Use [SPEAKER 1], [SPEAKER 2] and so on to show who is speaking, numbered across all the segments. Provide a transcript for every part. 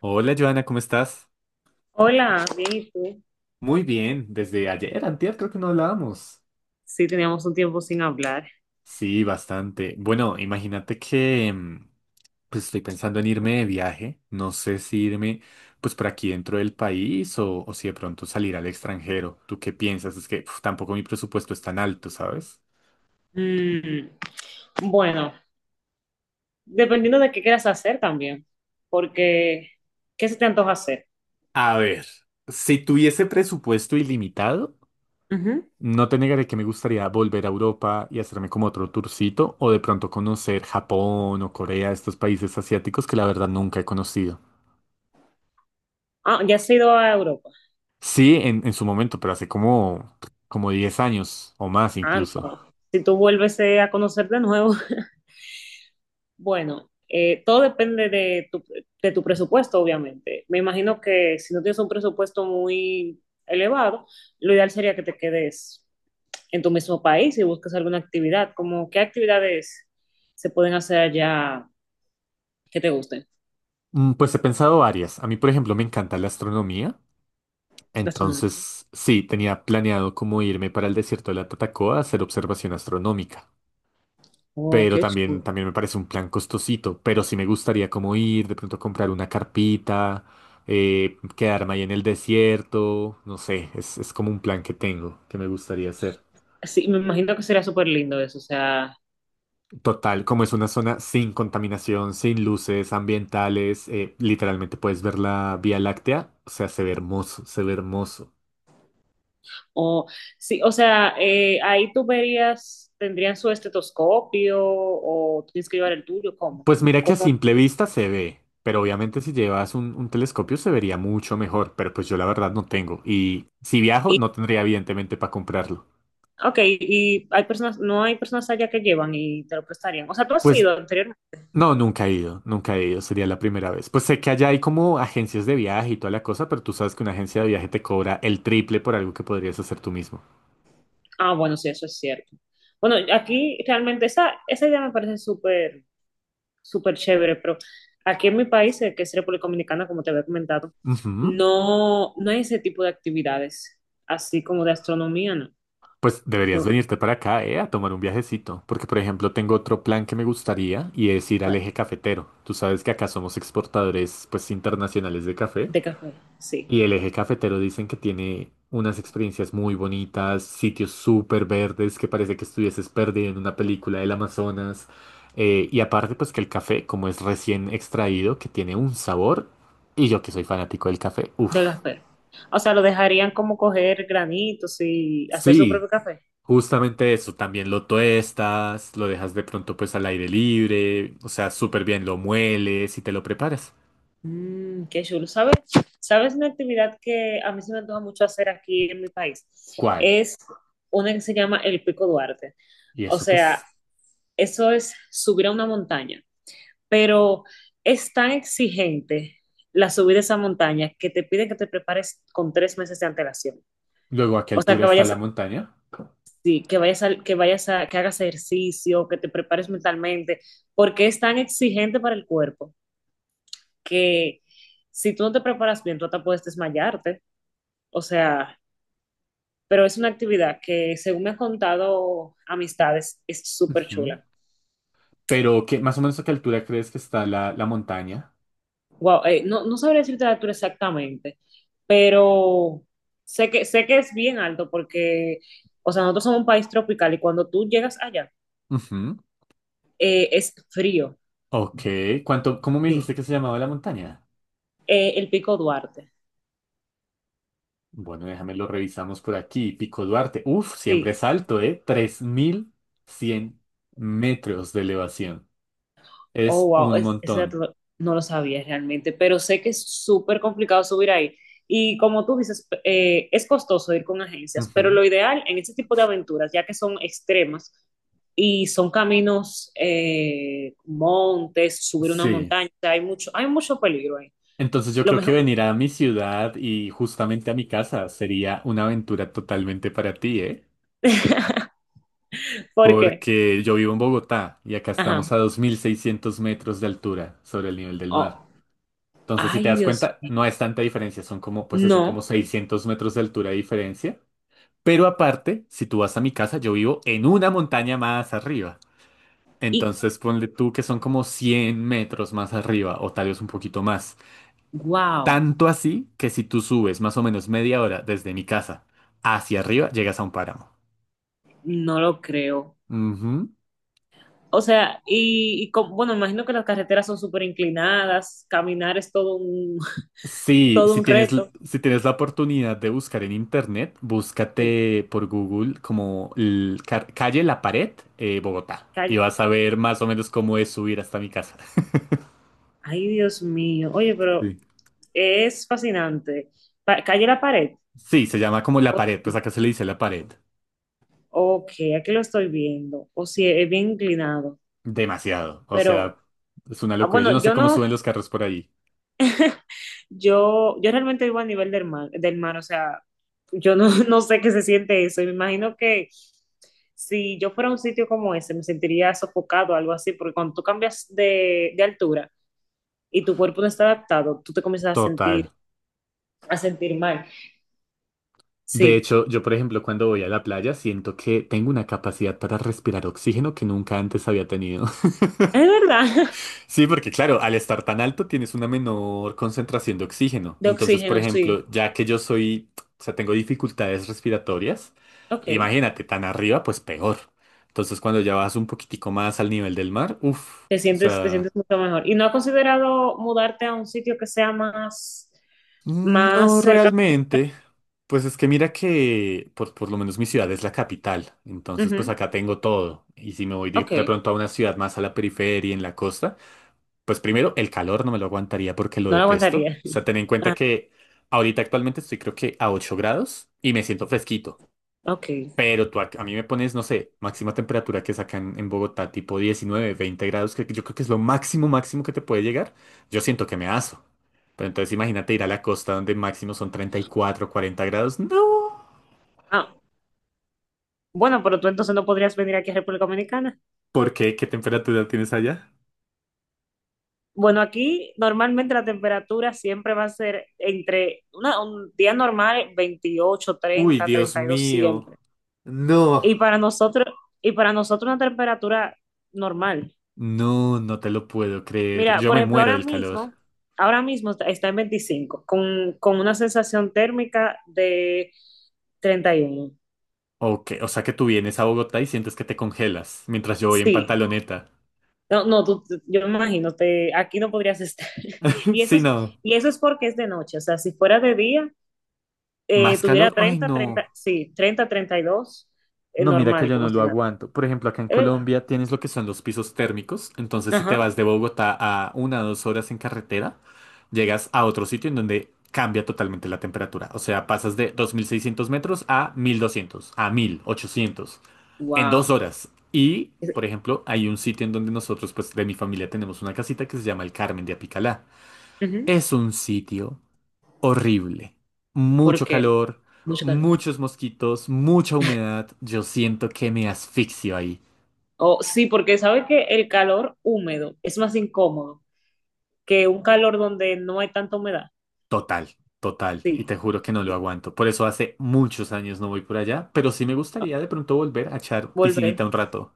[SPEAKER 1] Hola, Joana, ¿cómo estás?
[SPEAKER 2] Hola, bien, ¿y tú?
[SPEAKER 1] Muy bien, desde ayer, antier creo que no hablábamos.
[SPEAKER 2] Sí, teníamos un tiempo sin hablar.
[SPEAKER 1] Sí, bastante. Bueno, imagínate que pues estoy pensando en irme de viaje. No sé si irme pues por aquí dentro del país o si de pronto salir al extranjero. ¿Tú qué piensas? Es que uf, tampoco mi presupuesto es tan alto, ¿sabes?
[SPEAKER 2] Mm, bueno, dependiendo de qué quieras hacer también, porque ¿qué se te antoja hacer?
[SPEAKER 1] A ver, si tuviese presupuesto ilimitado,
[SPEAKER 2] Ujú.
[SPEAKER 1] no te negaré que me gustaría volver a Europa y hacerme como otro tourcito o de pronto conocer Japón o Corea, estos países asiáticos que la verdad nunca he conocido.
[SPEAKER 2] Ah, ¿ya has ido a Europa?
[SPEAKER 1] Sí, en su momento, pero hace como 10 años o más
[SPEAKER 2] Ah,
[SPEAKER 1] incluso.
[SPEAKER 2] no. Si tú vuelves a conocer de nuevo. Bueno, todo depende de de tu presupuesto, obviamente. Me imagino que si no tienes un presupuesto muy elevado, lo ideal sería que te quedes en tu mismo país y busques alguna actividad, como qué actividades se pueden hacer allá que te gusten.
[SPEAKER 1] Pues he pensado varias. A mí, por ejemplo, me encanta la astronomía.
[SPEAKER 2] Gastronomía.
[SPEAKER 1] Entonces, sí, tenía planeado como irme para el desierto de la Tatacoa a hacer observación astronómica.
[SPEAKER 2] Oh,
[SPEAKER 1] Pero
[SPEAKER 2] qué
[SPEAKER 1] también,
[SPEAKER 2] chulo.
[SPEAKER 1] también me parece un plan costosito. Pero sí me gustaría como ir, de pronto comprar una carpita, quedarme ahí en el desierto. No sé, es como un plan que tengo, que me gustaría hacer.
[SPEAKER 2] Sí, me imagino que sería súper lindo eso, o sea,
[SPEAKER 1] Total, como es una zona sin contaminación, sin luces ambientales, literalmente puedes ver la Vía Láctea. O sea, se ve hermoso, se ve hermoso.
[SPEAKER 2] o sí, o sea, ahí tú verías, tendrían su estetoscopio o tienes que llevar el tuyo, ¿cómo?
[SPEAKER 1] Pues mira que a
[SPEAKER 2] Cómo.
[SPEAKER 1] simple vista se ve, pero obviamente si llevas un telescopio se vería mucho mejor, pero pues yo la verdad no tengo. Y si viajo,
[SPEAKER 2] Y,
[SPEAKER 1] no tendría evidentemente para comprarlo.
[SPEAKER 2] ok, y hay personas, no hay personas allá que llevan y te lo prestarían. O sea, tú has
[SPEAKER 1] Pues
[SPEAKER 2] ido anteriormente.
[SPEAKER 1] no, nunca he ido, nunca he ido, sería la primera vez. Pues sé que allá hay como agencias de viaje y toda la cosa, pero tú sabes que una agencia de viaje te cobra el triple por algo que podrías hacer tú mismo.
[SPEAKER 2] Ah, bueno, sí, eso es cierto. Bueno, aquí realmente esa, esa idea me parece súper súper chévere, pero aquí en mi país, que es República Dominicana, como te había comentado,
[SPEAKER 1] Ujú.
[SPEAKER 2] no, no hay ese tipo de actividades, así como de astronomía, no.
[SPEAKER 1] Pues deberías
[SPEAKER 2] No,
[SPEAKER 1] venirte para acá, a tomar un viajecito, porque por ejemplo tengo otro plan que me gustaría y es ir al
[SPEAKER 2] vale.
[SPEAKER 1] eje cafetero. Tú sabes que acá somos exportadores pues internacionales de café.
[SPEAKER 2] De café, sí,
[SPEAKER 1] Y el eje cafetero dicen que tiene unas experiencias muy bonitas, sitios súper verdes que parece que estuvieses perdido en una película del Amazonas. Y aparte, pues que el café, como es recién extraído, que tiene un sabor. Y yo que soy fanático del café,
[SPEAKER 2] de
[SPEAKER 1] uff.
[SPEAKER 2] café. O sea, lo dejarían como coger granitos y hacer su propio
[SPEAKER 1] Sí,
[SPEAKER 2] café.
[SPEAKER 1] justamente eso. También lo tuestas, lo dejas de pronto pues al aire libre. O sea, súper bien lo mueles y te lo preparas.
[SPEAKER 2] Mm, qué chulo. ¿Sabes? ¿Sabes una actividad que a mí se me antoja mucho hacer aquí en mi país?
[SPEAKER 1] ¿Cuál?
[SPEAKER 2] Es una que se llama el Pico Duarte.
[SPEAKER 1] ¿Y
[SPEAKER 2] O
[SPEAKER 1] eso qué
[SPEAKER 2] sea,
[SPEAKER 1] es?
[SPEAKER 2] eso es subir a una montaña, pero es tan exigente la subida de esa montaña que te piden que te prepares con 3 meses de antelación.
[SPEAKER 1] Luego, ¿a qué
[SPEAKER 2] O sea,
[SPEAKER 1] altura
[SPEAKER 2] que
[SPEAKER 1] está
[SPEAKER 2] vayas,
[SPEAKER 1] la montaña?
[SPEAKER 2] sí, que vayas, que vayas a, que hagas ejercicio, que te prepares mentalmente, porque es tan exigente para el cuerpo que si tú no te preparas bien, tú hasta puedes desmayarte. O sea, pero es una actividad que, según me han contado amistades, es súper
[SPEAKER 1] Ujú.
[SPEAKER 2] chula.
[SPEAKER 1] Pero, ¿qué, más o menos a qué altura crees que está la montaña?
[SPEAKER 2] Wow, no, no sabría decirte la altura exactamente, pero sé sé que es bien alto porque, o sea, nosotros somos un país tropical y cuando tú llegas allá,
[SPEAKER 1] Ujú.
[SPEAKER 2] es frío,
[SPEAKER 1] Ok. ¿Cómo me
[SPEAKER 2] sí.
[SPEAKER 1] dijiste que se llamaba la montaña?
[SPEAKER 2] El Pico Duarte,
[SPEAKER 1] Bueno, déjame lo revisamos por aquí. Pico Duarte. Uf, siempre
[SPEAKER 2] sí.
[SPEAKER 1] es alto, ¿eh? 3.100 metros de elevación.
[SPEAKER 2] Oh,
[SPEAKER 1] Es
[SPEAKER 2] wow,
[SPEAKER 1] un
[SPEAKER 2] ese dato
[SPEAKER 1] montón.
[SPEAKER 2] no lo sabía realmente, pero sé que es súper complicado subir ahí. Y como tú dices, es costoso ir con agencias, pero
[SPEAKER 1] Ujú.
[SPEAKER 2] lo ideal en este tipo de aventuras, ya que son extremas y son caminos, montes, subir una
[SPEAKER 1] Sí.
[SPEAKER 2] montaña, hay mucho peligro ahí.
[SPEAKER 1] Entonces yo
[SPEAKER 2] Lo
[SPEAKER 1] creo que
[SPEAKER 2] mejor,
[SPEAKER 1] venir a mi ciudad y justamente a mi casa sería una aventura totalmente para ti, ¿eh?
[SPEAKER 2] porque,
[SPEAKER 1] Porque yo vivo en Bogotá y acá estamos
[SPEAKER 2] ajá,
[SPEAKER 1] a 2.600 metros de altura sobre el nivel del mar.
[SPEAKER 2] oh,
[SPEAKER 1] Entonces, si
[SPEAKER 2] ay
[SPEAKER 1] te das
[SPEAKER 2] Dios,
[SPEAKER 1] cuenta, no es tanta diferencia, son como, pues eso, como
[SPEAKER 2] no,
[SPEAKER 1] 600 metros de altura de diferencia. Pero aparte, si tú vas a mi casa, yo vivo en una montaña más arriba.
[SPEAKER 2] y
[SPEAKER 1] Entonces, ponle tú que son como 100 metros más arriba, o tal vez un poquito más.
[SPEAKER 2] wow,
[SPEAKER 1] Tanto así que si tú subes más o menos media hora desde mi casa hacia arriba, llegas a un páramo.
[SPEAKER 2] no lo creo.
[SPEAKER 1] Ujú.
[SPEAKER 2] O sea, bueno, imagino que las carreteras son súper inclinadas, caminar es todo un,
[SPEAKER 1] Sí,
[SPEAKER 2] todo
[SPEAKER 1] si
[SPEAKER 2] un
[SPEAKER 1] tienes,
[SPEAKER 2] reto.
[SPEAKER 1] si tienes la oportunidad de buscar en internet,
[SPEAKER 2] Sí,
[SPEAKER 1] búscate por Google como calle La Pared, Bogotá. Y
[SPEAKER 2] calle.
[SPEAKER 1] vas a ver más o menos cómo es subir hasta mi casa.
[SPEAKER 2] Ay, Dios mío. Oye, pero
[SPEAKER 1] Sí.
[SPEAKER 2] es fascinante. Calle la pared.
[SPEAKER 1] Sí, se llama como La Pared, pues acá se le dice La Pared.
[SPEAKER 2] Ok, aquí lo estoy viendo. O si es bien inclinado.
[SPEAKER 1] Demasiado. O
[SPEAKER 2] Pero,
[SPEAKER 1] sea, es una
[SPEAKER 2] ah,
[SPEAKER 1] locura. Yo
[SPEAKER 2] bueno,
[SPEAKER 1] no sé
[SPEAKER 2] yo
[SPEAKER 1] cómo
[SPEAKER 2] no.
[SPEAKER 1] suben los carros por ahí.
[SPEAKER 2] Yo realmente vivo a nivel del mar, o sea, yo no, no sé qué se siente eso. Y me imagino que si yo fuera a un sitio como ese, me sentiría sofocado o algo así, porque cuando tú cambias de altura y tu cuerpo no está adaptado, tú te comienzas
[SPEAKER 1] Total.
[SPEAKER 2] a sentir mal.
[SPEAKER 1] De
[SPEAKER 2] Sí,
[SPEAKER 1] hecho, yo por ejemplo cuando voy a la playa siento que tengo una capacidad para respirar oxígeno que nunca antes había tenido.
[SPEAKER 2] es verdad.
[SPEAKER 1] Sí, porque claro, al estar tan alto tienes una menor concentración de oxígeno.
[SPEAKER 2] De
[SPEAKER 1] Entonces, por
[SPEAKER 2] oxígeno, sí.
[SPEAKER 1] ejemplo, ya que yo soy, o sea, tengo dificultades respiratorias,
[SPEAKER 2] Ok.
[SPEAKER 1] imagínate, tan arriba, pues peor. Entonces, cuando ya vas un poquitico más al nivel del mar, uff, o
[SPEAKER 2] Te
[SPEAKER 1] sea,
[SPEAKER 2] sientes mucho mejor. ¿Y no has considerado mudarte a un sitio que sea más, más
[SPEAKER 1] no
[SPEAKER 2] cerca?
[SPEAKER 1] realmente. Pues es que mira que por lo menos mi ciudad es la capital, entonces pues
[SPEAKER 2] Ujú.
[SPEAKER 1] acá tengo todo. Y si me voy de,
[SPEAKER 2] Ok.
[SPEAKER 1] de pronto a una ciudad más a la periferia, en la costa, pues primero, el calor no me lo aguantaría porque lo
[SPEAKER 2] No lo
[SPEAKER 1] detesto.
[SPEAKER 2] aguantaría.
[SPEAKER 1] O sea, ten en cuenta
[SPEAKER 2] Ah,
[SPEAKER 1] que ahorita actualmente estoy creo que a 8 grados y me siento fresquito.
[SPEAKER 2] ok.
[SPEAKER 1] Pero tú a mí me pones, no sé, máxima temperatura que sacan en Bogotá, tipo 19, 20 grados, que yo creo que es lo máximo, máximo que te puede llegar. Yo siento que me aso. Pero entonces imagínate ir a la costa donde máximo son 34, 40 grados. No.
[SPEAKER 2] Ah, bueno, pero tú entonces no podrías venir aquí a República Dominicana.
[SPEAKER 1] ¿Por qué? ¿Qué temperatura tienes allá?
[SPEAKER 2] Bueno, aquí normalmente la temperatura siempre va a ser entre un día normal 28,
[SPEAKER 1] Uy,
[SPEAKER 2] 30,
[SPEAKER 1] Dios
[SPEAKER 2] 32
[SPEAKER 1] mío.
[SPEAKER 2] siempre.
[SPEAKER 1] No.
[SPEAKER 2] Y para nosotros, y para nosotros una temperatura normal.
[SPEAKER 1] No, no te lo puedo creer.
[SPEAKER 2] Mira,
[SPEAKER 1] Yo
[SPEAKER 2] por
[SPEAKER 1] me
[SPEAKER 2] ejemplo,
[SPEAKER 1] muero del calor.
[SPEAKER 2] ahora mismo está en 25, con una sensación térmica de 31.
[SPEAKER 1] Ok, o sea que tú vienes a Bogotá y sientes que te congelas, mientras yo voy en
[SPEAKER 2] Sí.
[SPEAKER 1] pantaloneta.
[SPEAKER 2] No, no, yo me imagino, te, aquí no podrías estar. Y eso
[SPEAKER 1] Sí,
[SPEAKER 2] es,
[SPEAKER 1] no.
[SPEAKER 2] y eso es porque es de noche, o sea, si fuera de día,
[SPEAKER 1] ¿Más
[SPEAKER 2] tuviera
[SPEAKER 1] calor? Ay,
[SPEAKER 2] 30
[SPEAKER 1] no.
[SPEAKER 2] sí, treinta y dos
[SPEAKER 1] No, mira que
[SPEAKER 2] normal,
[SPEAKER 1] yo
[SPEAKER 2] como
[SPEAKER 1] no lo
[SPEAKER 2] si nada.
[SPEAKER 1] aguanto. Por ejemplo, acá en
[SPEAKER 2] ¿Es verdad?
[SPEAKER 1] Colombia tienes lo que son los pisos térmicos. Entonces, si te
[SPEAKER 2] Ajá.
[SPEAKER 1] vas de Bogotá a una o dos horas en carretera, llegas a otro sitio en donde cambia totalmente la temperatura. O sea, pasas de 2.600 metros a 1.200, a 1.800 en dos
[SPEAKER 2] Wow.
[SPEAKER 1] horas. Y, por ejemplo, hay un sitio en donde nosotros, pues, de mi familia tenemos una casita que se llama El Carmen de Apicalá. Es un sitio horrible.
[SPEAKER 2] ¿Por
[SPEAKER 1] Mucho
[SPEAKER 2] qué?
[SPEAKER 1] calor,
[SPEAKER 2] Mucho calor.
[SPEAKER 1] muchos mosquitos, mucha humedad. Yo siento que me asfixio ahí.
[SPEAKER 2] Oh, sí, porque sabe que el calor húmedo es más incómodo que un calor donde no hay tanta humedad.
[SPEAKER 1] Total, total. Y
[SPEAKER 2] Sí.
[SPEAKER 1] te juro que no lo
[SPEAKER 2] Sí.
[SPEAKER 1] aguanto. Por eso hace muchos años no voy por allá, pero sí me
[SPEAKER 2] Ah,
[SPEAKER 1] gustaría de pronto volver a echar
[SPEAKER 2] volver.
[SPEAKER 1] piscinita un rato.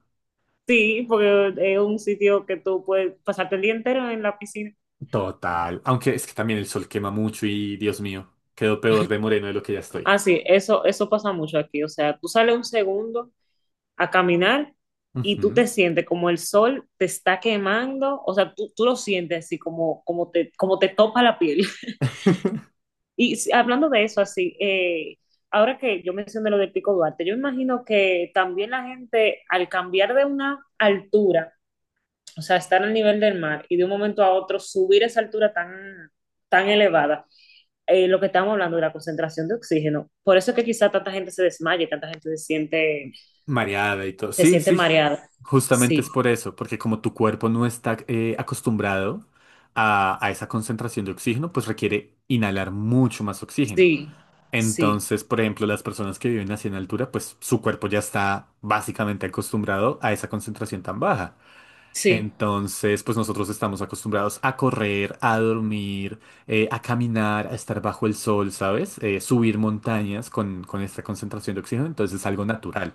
[SPEAKER 2] Sí, porque es un sitio que tú puedes pasarte el día entero en la piscina.
[SPEAKER 1] Total. Aunque es que también el sol quema mucho y, Dios mío, quedo peor de moreno de lo que ya estoy.
[SPEAKER 2] Ah, sí, eso pasa mucho aquí. O sea, tú sales un segundo a caminar y tú
[SPEAKER 1] Ujú.
[SPEAKER 2] te sientes como el sol te está quemando, o sea, tú lo sientes así como, como, como te topa la piel. Hablando de eso, así, ahora que yo mencioné lo del Pico Duarte, yo imagino que también la gente al cambiar de una altura, o sea, estar al nivel del mar y de un momento a otro subir esa altura tan, tan elevada, lo que estamos hablando de la concentración de oxígeno, por eso es que quizá tanta gente se desmaye, tanta gente
[SPEAKER 1] Mareada y todo.
[SPEAKER 2] se
[SPEAKER 1] Sí,
[SPEAKER 2] siente
[SPEAKER 1] sí,
[SPEAKER 2] mareada.
[SPEAKER 1] justamente
[SPEAKER 2] Sí.
[SPEAKER 1] es por eso, porque como tu cuerpo no está acostumbrado a esa concentración de oxígeno, pues requiere inhalar mucho más oxígeno.
[SPEAKER 2] Sí, sí,
[SPEAKER 1] Entonces, por ejemplo, las personas que viven así en altura, pues su cuerpo ya está básicamente acostumbrado a esa concentración tan baja.
[SPEAKER 2] sí,
[SPEAKER 1] Entonces, pues nosotros estamos acostumbrados a correr, a dormir, a caminar, a estar bajo el sol, ¿sabes? Subir montañas con esta concentración de oxígeno, entonces es algo natural.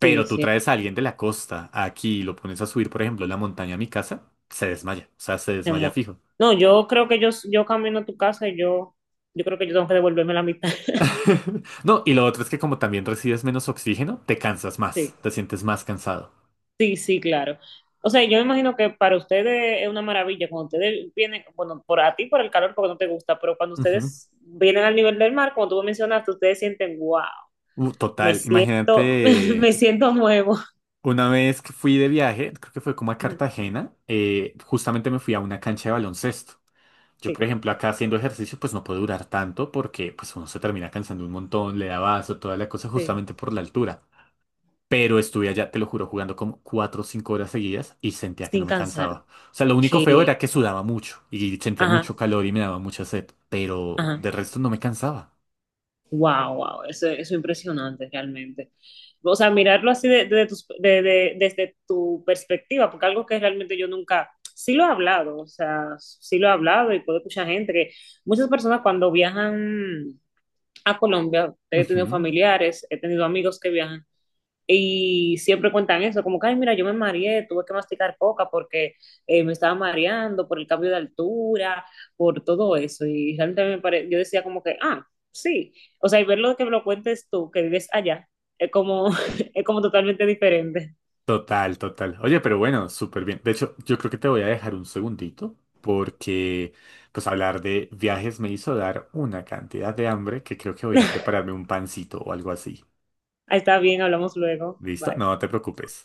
[SPEAKER 2] sí,
[SPEAKER 1] tú
[SPEAKER 2] sí,
[SPEAKER 1] traes a alguien de la costa aquí y lo pones a subir, por ejemplo, la montaña a mi casa, se desmaya. O sea, se
[SPEAKER 2] hace
[SPEAKER 1] desmaya
[SPEAKER 2] mucho.
[SPEAKER 1] fijo.
[SPEAKER 2] No, yo creo que yo camino a tu casa y yo creo que yo tengo que devolverme la mitad.
[SPEAKER 1] No, y lo otro es que como también recibes menos oxígeno, te cansas más,
[SPEAKER 2] Sí,
[SPEAKER 1] te sientes más cansado.
[SPEAKER 2] sí, sí, claro. O sea, yo me imagino que para ustedes es una maravilla cuando ustedes vienen, bueno, por a ti por el calor porque no te gusta, pero cuando
[SPEAKER 1] Ujú.
[SPEAKER 2] ustedes vienen al nivel del mar, como tú me mencionaste, ustedes sienten, wow,
[SPEAKER 1] Uh,
[SPEAKER 2] me
[SPEAKER 1] total, imagínate
[SPEAKER 2] siento, me siento nuevo.
[SPEAKER 1] una vez que fui de viaje, creo que fue como a Cartagena, justamente me fui a una cancha de baloncesto. Yo, por
[SPEAKER 2] Sí,
[SPEAKER 1] ejemplo, acá haciendo ejercicio, pues no puedo durar tanto porque pues uno se termina cansando un montón, le da vaso, toda la cosa
[SPEAKER 2] sí,
[SPEAKER 1] justamente por la altura. Pero estuve allá, te lo juro, jugando como 4 o 5 horas seguidas y sentía que no
[SPEAKER 2] sin
[SPEAKER 1] me
[SPEAKER 2] cansar.
[SPEAKER 1] cansaba. O sea, lo único feo
[SPEAKER 2] Que,
[SPEAKER 1] era que sudaba mucho y sentía
[SPEAKER 2] ajá,
[SPEAKER 1] mucho calor y me daba mucha sed, pero de
[SPEAKER 2] ajá.
[SPEAKER 1] resto no me cansaba.
[SPEAKER 2] Wow, wow, eso es impresionante realmente. O sea, mirarlo así de tus- desde tu perspectiva, porque algo que realmente yo nunca, sí lo he hablado, o sea, sí lo he hablado y puedo escuchar gente que muchas personas cuando viajan a Colombia, he tenido
[SPEAKER 1] Ujú.
[SPEAKER 2] familiares, he tenido amigos que viajan, y siempre cuentan eso, como que, ay, mira, yo me mareé, tuve que masticar coca porque me estaba mareando por el cambio de altura, por todo eso. Y realmente me pare... yo decía como que, ah, sí. O sea, y ver lo que me lo cuentes tú, que vives allá, es como, es como totalmente diferente.
[SPEAKER 1] Total, total. Oye, pero bueno, súper bien. De hecho, yo creo que te voy a dejar un segundito porque pues hablar de viajes me hizo dar una cantidad de hambre que creo que voy a ir a prepararme un pancito o algo así.
[SPEAKER 2] Está bien, hablamos luego.
[SPEAKER 1] ¿Listo?
[SPEAKER 2] Bye.
[SPEAKER 1] No te preocupes.